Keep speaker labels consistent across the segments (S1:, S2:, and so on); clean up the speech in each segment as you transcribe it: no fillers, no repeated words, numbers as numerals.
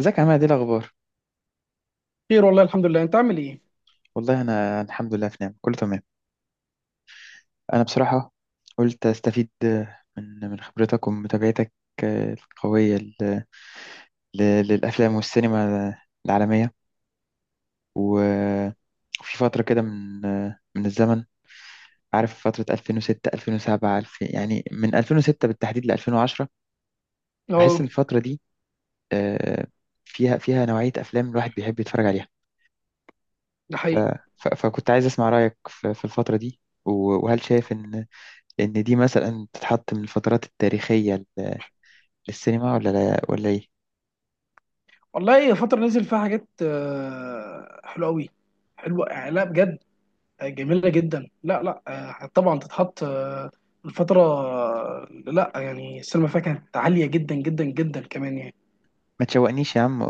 S1: ازيك يا عماد، ايه الاخبار؟
S2: خير، والله الحمد لله. انت عامل ايه؟
S1: والله انا الحمد لله، في نعم، كله تمام. انا بصراحه قلت استفيد من خبرتك ومتابعتك القويه للافلام والسينما العالميه، و- وفي فتره كده من الزمن، عارف فتره 2006 2007، يعني من 2006 بالتحديد ل 2010. بحس ان
S2: اه.
S1: الفتره دي آه، فيها نوعيه افلام الواحد بيحب يتفرج عليها.
S2: ده
S1: ف-
S2: حقيقي.
S1: فكنت عايز اسمع رايك في الفتره دي، وهل شايف ان لأن دي مثلا تتحط من الفترات التاريخية للسينما، ولا لا، ولا إيه؟
S2: والله فترة نزل فيها حاجات حلوة قوي. حلوة، لا بجد. جميلة جدا، لا لا. طبعا تتحط. الفترة، لا يعني السينما فيها كانت عالية جدا جدا جدا كمان يعني.
S1: ما تشوقنيش يا عم.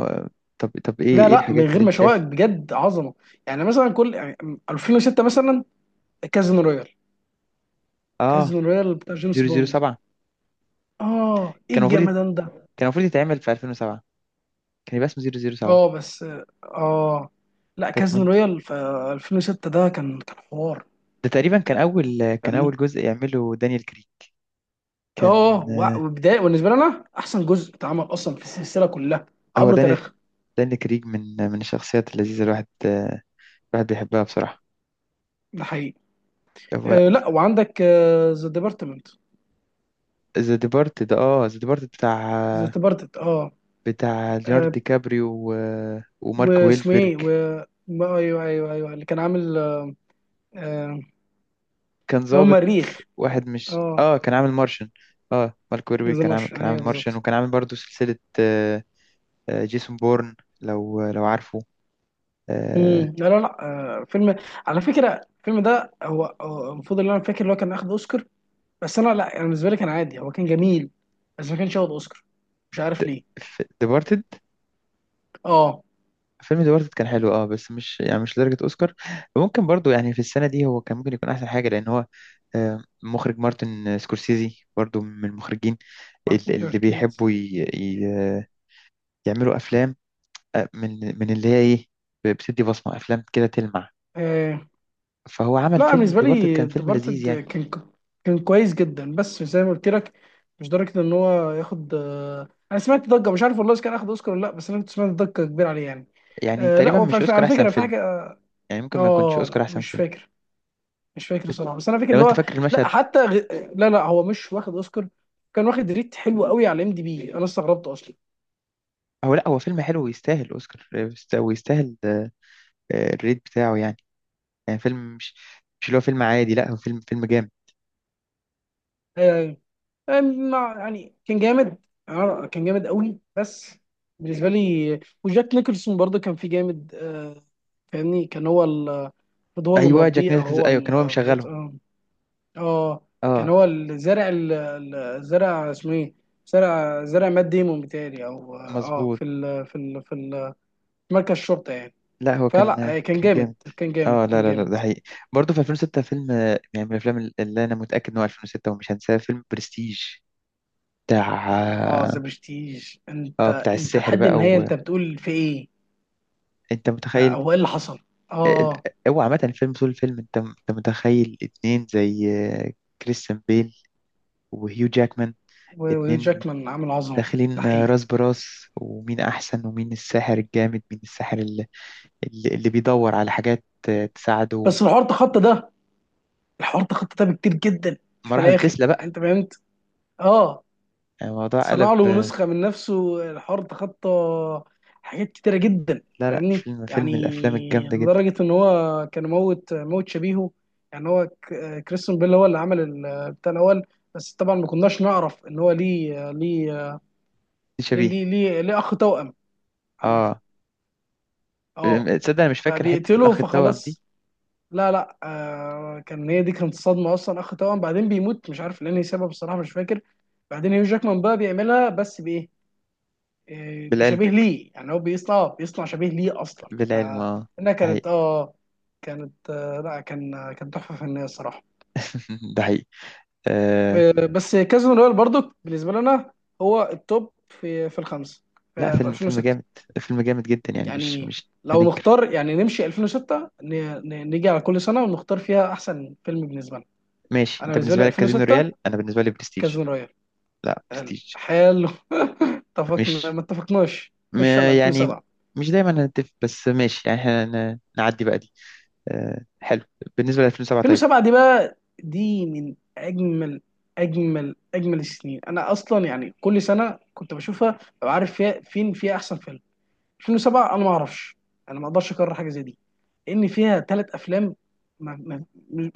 S1: طب طب، إيه
S2: لا
S1: إيه
S2: لا، من
S1: الحاجات
S2: غير
S1: اللي
S2: ما
S1: أنت
S2: اشوقك
S1: شايفها؟
S2: بجد عظمة. يعني مثلا كل يعني 2006 مثلا، كازينو رويال.
S1: آه،
S2: كازينو رويال بتاع جيمس بوند.
S1: 007.
S2: اه ايه
S1: كان المفروض يت-
S2: الجمدان ده.
S1: كان المفروض يتعمل في 2007. كان يبقى اسمه 007.
S2: اه بس. اه لا،
S1: كانت
S2: كازينو
S1: منطقة.
S2: رويال في 2006 ده كان حوار.
S1: ده تقريبا كان
S2: فاهمني.
S1: أول جزء يعمله دانيال كريج كان.
S2: اه، وبدايه بالنسبه لي انا احسن جزء اتعمل اصلا في السلسله كلها
S1: هو
S2: عبر
S1: دانيال،
S2: تاريخها.
S1: دانيال كريج من الشخصيات اللذيذة، الواحد بيحبها بصراحة.
S2: ده حقيقي. آه لا، وعندك ذا ديبارتمنت.
S1: ذا ديبارت
S2: ذا ديبارتمنت اه.
S1: بتاع ليوناردو
S2: آه،
S1: دي كابريو ومارك
S2: واسمه
S1: ويلبرج.
S2: ايه و ايوه ايوه، اللي كان عامل آه.
S1: كان
S2: هو
S1: ظابط
S2: مريخ.
S1: واحد، مش
S2: اه
S1: اه كان عامل مارشن. اه، مارك ويربي
S2: ذا مارشن
S1: كان عامل
S2: ايوه
S1: مارشن،
S2: بالظبط.
S1: وكان عامل برضو سلسلة، آه، جيسون بورن، لو عارفه. آه،
S2: مم، لا لا لا. آه، فيلم. على فكره الفيلم ده هو المفروض اللي انا فاكر اللي هو كان اخد اوسكار. بس انا لا يعني بالنسبه لي كان عادي، هو كان جميل، بس ما كانش ياخد اوسكار، مش
S1: د-
S2: عارف ليه.
S1: ديبارتد.
S2: اه
S1: فيلم ديبارتد كان حلو، بس مش، لدرجة اوسكار. ممكن برضو يعني في السنة دي هو كان ممكن يكون احسن حاجة، لان هو مخرج مارتن سكورسيزي برضو من المخرجين
S2: مارتن
S1: اللي
S2: تركيز.
S1: بيحبوا يعملوا افلام، من اللي هي ايه، بتدي بصمة افلام كده تلمع.
S2: آه
S1: فهو عمل
S2: لا،
S1: فيلم
S2: بالنسبه
S1: ديبارتد، كان
S2: لي
S1: فيلم لذيذ
S2: ديبارتد
S1: يعني.
S2: كان كويس جدا، بس زي ما قلت لك مش درجه ان هو ياخد آه. انا سمعت ضجه، مش عارف والله اذا كان اخد اوسكار ولا لا، بس انا كنت سمعت ضجه كبيره عليه يعني.
S1: يعني
S2: آه. لا
S1: تقريبا،
S2: هو
S1: مش اوسكار
S2: على
S1: احسن
S2: فكره في
S1: فيلم.
S2: حاجه.
S1: يعني ممكن ما يكونش
S2: اه لا
S1: اوسكار احسن
S2: مش
S1: فيلم.
S2: فاكر. مش فاكر
S1: بس
S2: صراحه، بس انا فاكر
S1: لو
S2: اللي
S1: انت
S2: هو.
S1: فاكر
S2: لا
S1: المشهد.
S2: حتى غ... لا لا، هو مش واخد اوسكار. كان واخد ريت حلو قوي على ام دي بي، انا استغربت اصلا.
S1: هو لا، هو فيلم حلو ويستاهل اوسكار، ويستاهل الريت بتاعه يعني. يعني فيلم، مش اللي هو فيلم عادي، لا هو فيلم، فيلم جامد.
S2: آه، يعني كان جامد. آه، كان جامد قوي، بس بالنسبه لي. وجاك نيكلسون برضه كان فيه جامد آه. فاهمني، كان هو المفروض هو اللي
S1: ايوه، جاك
S2: مربيه، او
S1: نيكلز،
S2: هو
S1: ايوه كان هو
S2: بالظبط
S1: مشغلهم.
S2: اه. آه، كان
S1: اه،
S2: هو اللي زرع زرع، اسمه ايه، زرع مات ديمون بتاعي او اه. أه،
S1: مظبوط.
S2: في مركز الشرطه يعني.
S1: لا هو
S2: فلا
S1: كان
S2: آه، كان
S1: كان
S2: جامد
S1: جامد.
S2: كان جامد
S1: اه لا
S2: كان
S1: لا لا، ده
S2: جامد.
S1: حقيقي. برضه في 2006 فيلم يعني من الافلام اللي انا متاكد ان هو 2006 ومش هنساه، فيلم برستيج،
S2: اه
S1: بتاع،
S2: ذا برستيج. انت
S1: اه بتاع
S2: انت
S1: السحر
S2: لحد
S1: بقى.
S2: النهايه انت بتقول في ايه؟
S1: وانت
S2: آه،
S1: متخيل
S2: او ايه اللي حصل؟ اه
S1: آه،
S2: أه.
S1: هو عامة فيلم، طول الفيلم انت متخيل اتنين زي كريستيان بيل وهيو جاكمان،
S2: وهيو
S1: اتنين
S2: جاكمان عامل عظمه. ده
S1: داخلين
S2: حقيقي.
S1: راس براس. ومين أحسن، ومين الساحر الجامد، مين الساحر اللي بيدور على حاجات تساعده.
S2: بس الحوار تخطى ده. الحوار تخطى ده بكتير جدا في
S1: مراحل
S2: الاخر.
S1: تسلا بقى.
S2: انت فهمت؟ اه.
S1: يعني الموضوع
S2: صنع
S1: قلب.
S2: له نسخه من نفسه، الحوار تخطى حاجات كتيره جدا.
S1: لا لا،
S2: فاهمني،
S1: فيلم، فيلم الأفلام
S2: يعني
S1: الجامدة جدا.
S2: لدرجه ان هو كان موت موت شبيهه. يعني هو كريستون بيل هو اللي عمل بتاع الاول. بس طبعا ما كناش نعرف ان هو
S1: دي شبيه.
S2: ليه اخ توأم. عامه
S1: اه،
S2: اه.
S1: تصدق أنا مش فاكر حتة
S2: فبيقتله
S1: الأخ التوأم دي.
S2: فخلاص. لا لا، آه كان. هي دي كانت صدمه اصلا، اخ توأم بعدين بيموت، مش عارف لاني سبب الصراحه مش فاكر. بعدين هيو جاكمان بقى بيعملها بس بايه؟ آه،
S1: بالعلم
S2: بشبيه ليه. يعني هو بيصنع شبيه ليه اصلا،
S1: بالعلم، اه.
S2: فانها
S1: ده
S2: كانت
S1: حقيقي.
S2: اه. كانت آه، لا كان آه، كان تحفه فنيه الصراحه.
S1: ده حقيقي. آه.
S2: آه، بس كازون رويال برضو بالنسبه لنا هو التوب في في الخمسه
S1: لا
S2: في
S1: فيلم،
S2: 2006.
S1: فيلم جامد جدا يعني، مش
S2: يعني
S1: مش
S2: لو
S1: هننكر.
S2: نختار يعني نمشي 2006، نيجي على كل سنه ونختار فيها احسن فيلم بالنسبه لنا.
S1: ماشي،
S2: انا
S1: انت
S2: بالنسبه لي
S1: بالنسبه لك كازينو
S2: 2006
S1: ريال، انا بالنسبه لي برستيج.
S2: كازينو رويال.
S1: لا
S2: حلو
S1: برستيج.
S2: حلو. اتفقنا
S1: مش
S2: ما اتفقناش،
S1: م...
S2: خش على
S1: يعني
S2: 2007.
S1: مش دايما هنتفق، بس ماشي يعني، احنا نعدي بقى دي. أه، حلو. بالنسبه ل 2007، طيب.
S2: دي بقى دي من اجمل اجمل السنين. انا اصلا يعني كل سنه كنت بشوفها ببقى عارف فيها فين فيها احسن فيلم. 2007 انا ما اعرفش، انا ما اقدرش اكرر حاجه زي دي، لان فيها ثلاث افلام ما, ما,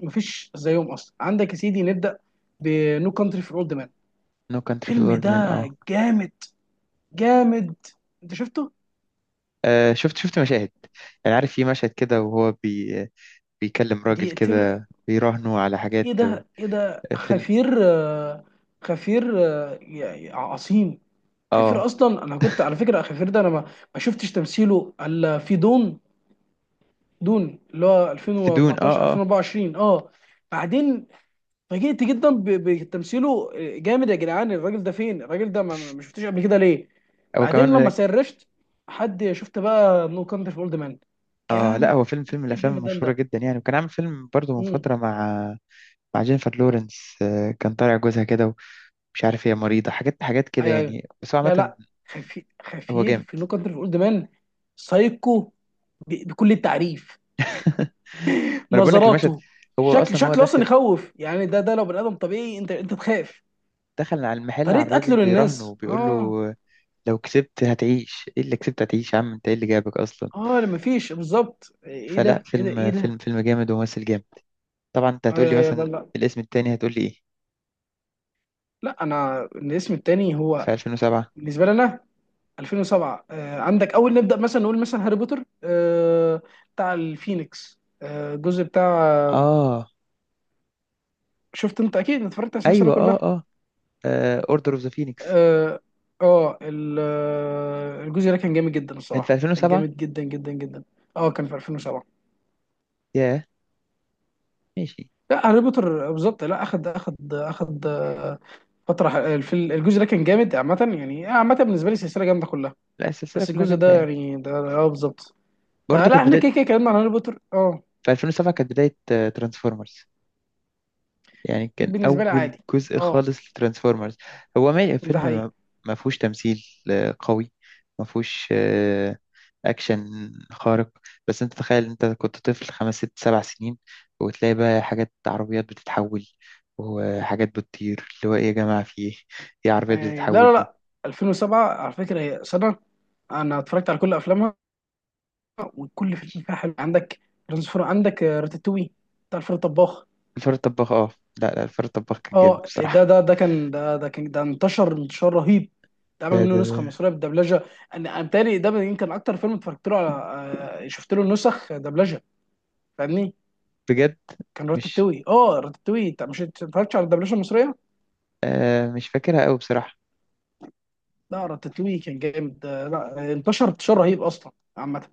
S2: ما فيش زيهم اصلا. عندك يا سيدي، نبدا بنو كانتري فور اولد مان.
S1: نو كانتري في
S2: الفيلم
S1: الورد
S2: ده
S1: من، اه،
S2: جامد جامد. انت شفته؟
S1: شفت مشاهد. يعني عارف في مشهد كده، وهو بيكلم راجل
S2: دقيقتين.
S1: كده بيراهنه على حاجات
S2: ايه ده
S1: فيلم،
S2: خفير آه. خفير آه، يا عظيم. خفير،
S1: اه،
S2: اصلا انا كنت على فكره خفير ده، انا ما شفتش تمثيله الا في دون. دون اللي هو
S1: في دون،
S2: 2014
S1: اه، اه.
S2: 2024 اه. بعدين فاجئت جدا بتمثيله. آه، جامد يا جدعان الراجل ده. فين الراجل ده؟ ما شفتوش قبل كده ليه؟
S1: هو
S2: بعدين لما
S1: كمان.
S2: سرشت حد، شفت بقى نو كانتري فور اولد مان؟
S1: اه لا،
S2: جامد.
S1: هو فيلم، فيلم من
S2: ايه
S1: الافلام المشهوره
S2: الجمدان
S1: جدا يعني، وكان عامل فيلم برضه من
S2: ده.
S1: فتره، مع مع جينيفر لورنس، كان طالع جوزها كده، ومش عارف هي مريضه، حاجات حاجات كده
S2: ايوه
S1: يعني، بس هو
S2: لا
S1: عامه
S2: لا. خفير،
S1: هو جامد.
S2: في نو كانتري فور اولد مان. سايكو بكل التعريف.
S1: ما انا بقول لك المشهد.
S2: نظراته،
S1: هو
S2: شكل
S1: اصلا هو
S2: شكله اصلا
S1: داخل،
S2: يخوف يعني. ده لو بني ادم طبيعي انت تخاف.
S1: على المحل على
S2: طريقه
S1: الراجل
S2: قتله
S1: بيراهنه
S2: للناس
S1: وبيقول
S2: اه.
S1: له: لو كسبت هتعيش، ايه اللي كسبت هتعيش يا عم انت، ايه اللي جابك اصلا؟
S2: اه ما فيش بالظبط،
S1: فلا
S2: ايه
S1: فيلم،
S2: ده.
S1: فيلم جامد وممثل جامد. طبعا انت هتقول
S2: ايوه
S1: لي
S2: ايوه لا
S1: مثلا
S2: لا
S1: الاسم التاني، هتقول لي ايه
S2: لا. انا الاسم التاني هو
S1: في 2007؟
S2: بالنسبه لنا 2007 آه. عندك، اول نبدا مثلا نقول مثلا هاري بوتر آه بتاع الفينيكس آه، الجزء بتاع.
S1: اه،
S2: شفت، انت اكيد اتفرجت على السلسله
S1: ايوه، اه،
S2: كلها.
S1: اه، اوردر اوف ذا فينيكس،
S2: اه. آه، آه، الجزء ده كان جامد جدا
S1: كان في
S2: الصراحه، كان
S1: 2007.
S2: جامد جدا جدا جدا. اه كان في 2007.
S1: ياه، ماشي.
S2: لا هاري بوتر بالظبط، لا اخد اخد آه، فتره الجزء ده كان جامد عامه. يعني عامه بالنسبه لي السلسله جامده كلها،
S1: لا السلسلة
S2: بس
S1: كلها
S2: الجزء
S1: جامدة
S2: ده
S1: يعني.
S2: يعني ده اه بالظبط.
S1: برضه
S2: فلا
S1: كانت
S2: احنا
S1: بداية،
S2: كده كده اتكلمنا عن هاري بوتر اه.
S1: في 2007 كانت بداية ترانسفورمرز، يعني كان
S2: بالنسبه لي
S1: أول
S2: عادي
S1: جزء
S2: اه.
S1: خالص لترانسفورمرز. هو ما
S2: ده
S1: فيلم،
S2: حقيقي
S1: ما فيهوش تمثيل قوي، ما فيهوش أكشن خارق. بس أنت تخيل، أنت كنت طفل خمس ست سبع سنين، وتلاقي بقى حاجات، عربيات بتتحول، وحاجات بتطير، اللي هو إيه يا جماعة في إيه؟ إيه عربيات
S2: يعني. لا
S1: بتتحول
S2: لا
S1: دي؟
S2: لا، 2007 على فكره هي سنه انا اتفرجت على كل افلامها، وكل فاشن فيها حلو. عندك ترانسفور، عندك آه، راتاتوي بتاع الفار الطباخ.
S1: الفار الطباخ، أه. لا لا، الفار الطباخ كان جامد
S2: اه
S1: بصراحة.
S2: ده انتشر انتشار رهيب. ده
S1: ده
S2: عمل
S1: ده
S2: منه نسخه
S1: ده
S2: مصريه بالدبلجه. انا بتهيألي ده يمكن اكتر فيلم اتفرجت له على آه، شفت له نسخ دبلجه. فاهمني.
S1: بجد.
S2: كان
S1: مش
S2: راتاتوي اه. راتاتوي، انت مش اتفرجتش على الدبلجه المصريه؟
S1: مش فاكرها قوي بصراحة.
S2: لا راتاتوي كان جامد آه، لا انتشر انتشار رهيب اصلا. عامه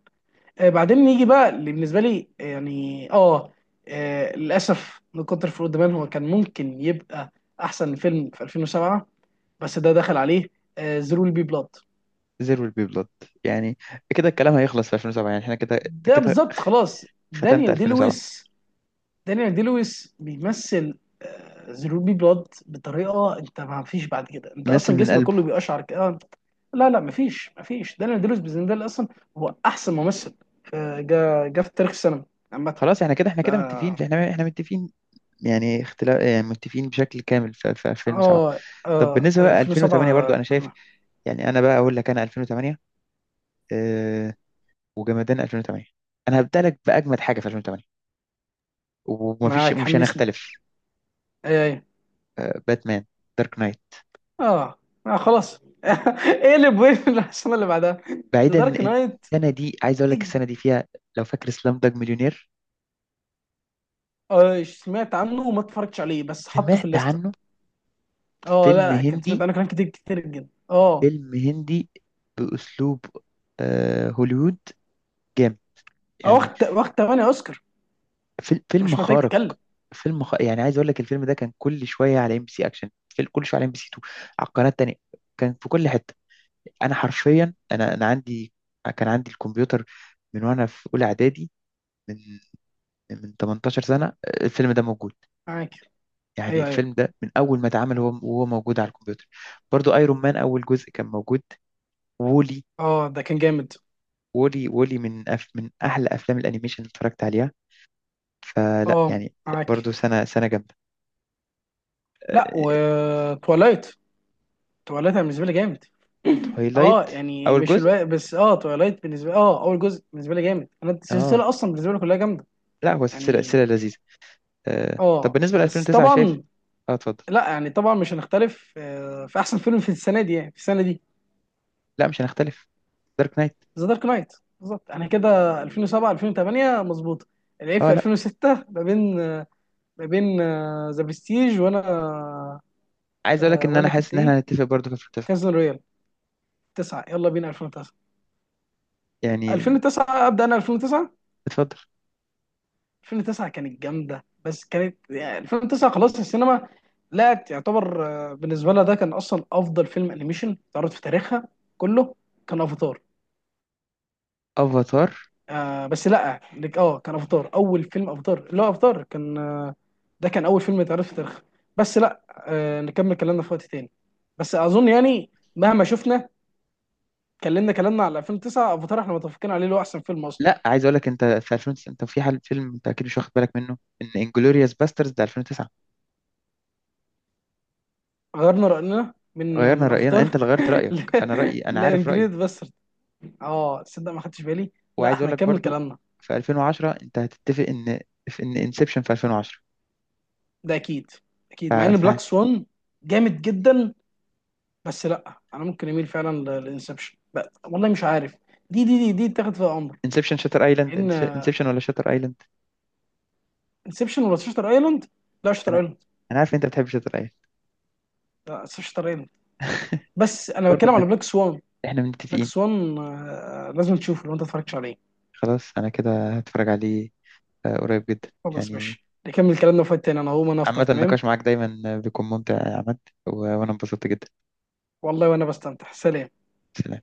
S2: آه، بعدين نيجي بقى اللي بالنسبه لي آه، يعني اه، آه، للاسف من كتر فروق دمان هو كان ممكن يبقى احسن فيلم في 2007، بس ده دخل عليه زيرو بي بلاد.
S1: There will be blood، يعني كده الكلام هيخلص في 2007، يعني احنا كده، أنت
S2: ده
S1: كده
S2: بالظبط خلاص.
S1: ختمت
S2: دانيال دي
S1: 2007.
S2: لويس. دانيال دي لويس بيمثل زيرو بي بلاد بطريقه، انت ما فيش بعد كده، انت
S1: ممثل
S2: اصلا
S1: من
S2: جسمك
S1: قلبه.
S2: كله بيقشعر كده. لا لا، ما فيش دانيال دي لويس بالنسبه لي اصلا هو احسن ممثل آه، جا في تاريخ السينما عامه.
S1: خلاص احنا كده،
S2: ده
S1: متفقين، احنا متفقين. يعني، اختلاف يعني متفقين بشكل كامل في 2007.
S2: اه.
S1: طب
S2: اه
S1: بالنسبة بقى 2008، برضو
S2: 2007
S1: انا شايف.
S2: كلها.
S1: يعني انا بقى اقول لك، انا 2008، آه وجمدان 2008. انا هبدأ لك بأجمد حاجة في 2008،
S2: معاك،
S1: مش
S2: حمسني.
S1: هنختلف.
S2: اي اي
S1: باتمان دارك نايت.
S2: اه. آه، خلاص. اقلب وين السنه اللي بعدها. ذا
S1: بعيدا
S2: دارك
S1: إن،
S2: نايت.
S1: السنة دي عايز اقول لك السنة دي فيها، لو فاكر سلام داج مليونير.
S2: آه سمعت عنه وما اتفرجتش عليه، بس حطه في
S1: سمعت
S2: الليسته.
S1: عنه؟
S2: اه
S1: فيلم
S2: لا لا، كنت سمعت
S1: هندي،
S2: عنه كلام كتير كتير جدا اه.
S1: فيلم هندي، بأسلوب هوليوود، جامد.
S2: آه،
S1: يعني
S2: واخد 8 اوسكار.
S1: فيلم
S2: مش محتاج
S1: خارق.
S2: تتكلم.
S1: يعني عايز اقول لك، الفيلم ده كان كل شويه على ام بي سي اكشن، في كل شويه على ام بي سي 2، على القناه التانيه، كان في كل حته. انا حرفيا، انا عندي، كان عندي الكمبيوتر من وانا في اولى اعدادي، من من 18 سنه الفيلم ده موجود.
S2: معاك.
S1: يعني
S2: ايوه
S1: الفيلم ده من اول ما اتعمل وهو موجود على الكمبيوتر. برضو ايرون مان اول جزء كان موجود. وولي،
S2: اه. ده كان جامد
S1: وولي من أحلى أفلام الأنيميشن اللي اتفرجت عليها. فلا
S2: اه.
S1: يعني،
S2: معاك.
S1: برضو سنة سنة جامدة.
S2: لا، وتولايت. تواليت انا بالنسبه لي جامد. اه
S1: تويلايت،
S2: يعني
S1: أول
S2: مش
S1: جزء.
S2: الوقت، بس اه تواليت بالنسبه لي، اه اول جزء بالنسبه لي جامد. انا
S1: اه
S2: السلسله اصلا بالنسبه لي كلها جامده
S1: لا، هو سلسلة، سلسلة
S2: يعني.
S1: لذيذة. طب
S2: اه
S1: بالنسبة ل
S2: بس
S1: 2009، شايف؟
S2: طبعا.
S1: اه، اتفضل.
S2: لا يعني طبعا مش هنختلف آه، في احسن فيلم في السنه دي. يعني في السنه دي
S1: لا مش هنختلف، دارك نايت.
S2: ذا دارك نايت بالظبط. انا كده 2007 2008 مظبوطه. العيب
S1: اه،
S2: في
S1: لا
S2: 2006 ما بين ذا برستيج وانا.
S1: عايز اقول لك
S2: آه،
S1: ان انا
S2: وانا
S1: حاسس
S2: كنت
S1: ان
S2: ايه،
S1: احنا هنتفق برضو في 2009.
S2: كازن رويال. 9 يلا بينا 2009.
S1: يعني،
S2: 2009 ابدا، انا 2009.
S1: اتفضل.
S2: كانت جامده، بس كانت يعني 2009 خلاص. السينما لا يعتبر آه، بالنسبه لها ده كان اصلا افضل فيلم انيميشن اتعرض في تاريخها كله، كان افاتار.
S1: افاتار.
S2: آه بس لا اه كان افاتار. اول فيلم افاتار، لا افاتار كان آه، ده كان اول فيلم اتعرض في تاريخها. بس لا آه، نكمل كلامنا في وقت تاني. بس اظن يعني مهما شفنا كلمنا، كلامنا على 2009 افاتار احنا متفقين عليه اللي هو احسن فيلم اصلا.
S1: لا عايز اقول لك، انت في 2009 انت في حال فيلم انت اكيد مش واخد بالك منه ان انجلوريوس باسترز ده 2009.
S2: غيرنا راينا من آه،
S1: غيرنا
S2: من
S1: راينا؟
S2: افاتار.
S1: انت اللي غيرت رايك، انا رايي انا عارف رايي.
S2: لانجريد بس. اه تصدق ما خدتش بالي. لا
S1: وعايز
S2: احنا
S1: اقول لك
S2: هنكمل
S1: برضو
S2: كلامنا.
S1: في 2010، انت هتتفق ان، في ان انسبشن في 2010.
S2: ده اكيد
S1: ف...
S2: اكيد، مع ان
S1: ف...
S2: بلاك سوان جامد جدا، بس لا انا ممكن اميل فعلا لانسبشن، والله مش عارف. دي تاخد فيها امر.
S1: انسبشن، شاتر ايلاند.
S2: ان
S1: انسبشن ولا شاتر ايلاند؟
S2: انسبشن ولا شاتر ايلاند. لا شاتر
S1: انا
S2: ايلاند.
S1: انا عارف إن انت بتحب شاتر ايلاند.
S2: لا شاتر ايلاند. بس انا
S1: برضه
S2: بتكلم
S1: احنا،
S2: على بلاك سوان. بلاك
S1: متفقين.
S2: سوان آه، لازم تشوفه لو انت اتفرجتش عليه.
S1: خلاص انا كده هتفرج عليه قريب جدا.
S2: خلاص
S1: يعني،
S2: ماشي، نكمل كلامنا في وقت تاني، انا هقوم انا افطر
S1: عامة
S2: تمام.
S1: النقاش معاك دايما بيكون ممتع يا عماد، و- وانا انبسطت جدا.
S2: والله وانا بستمتع، سلام.
S1: سلام.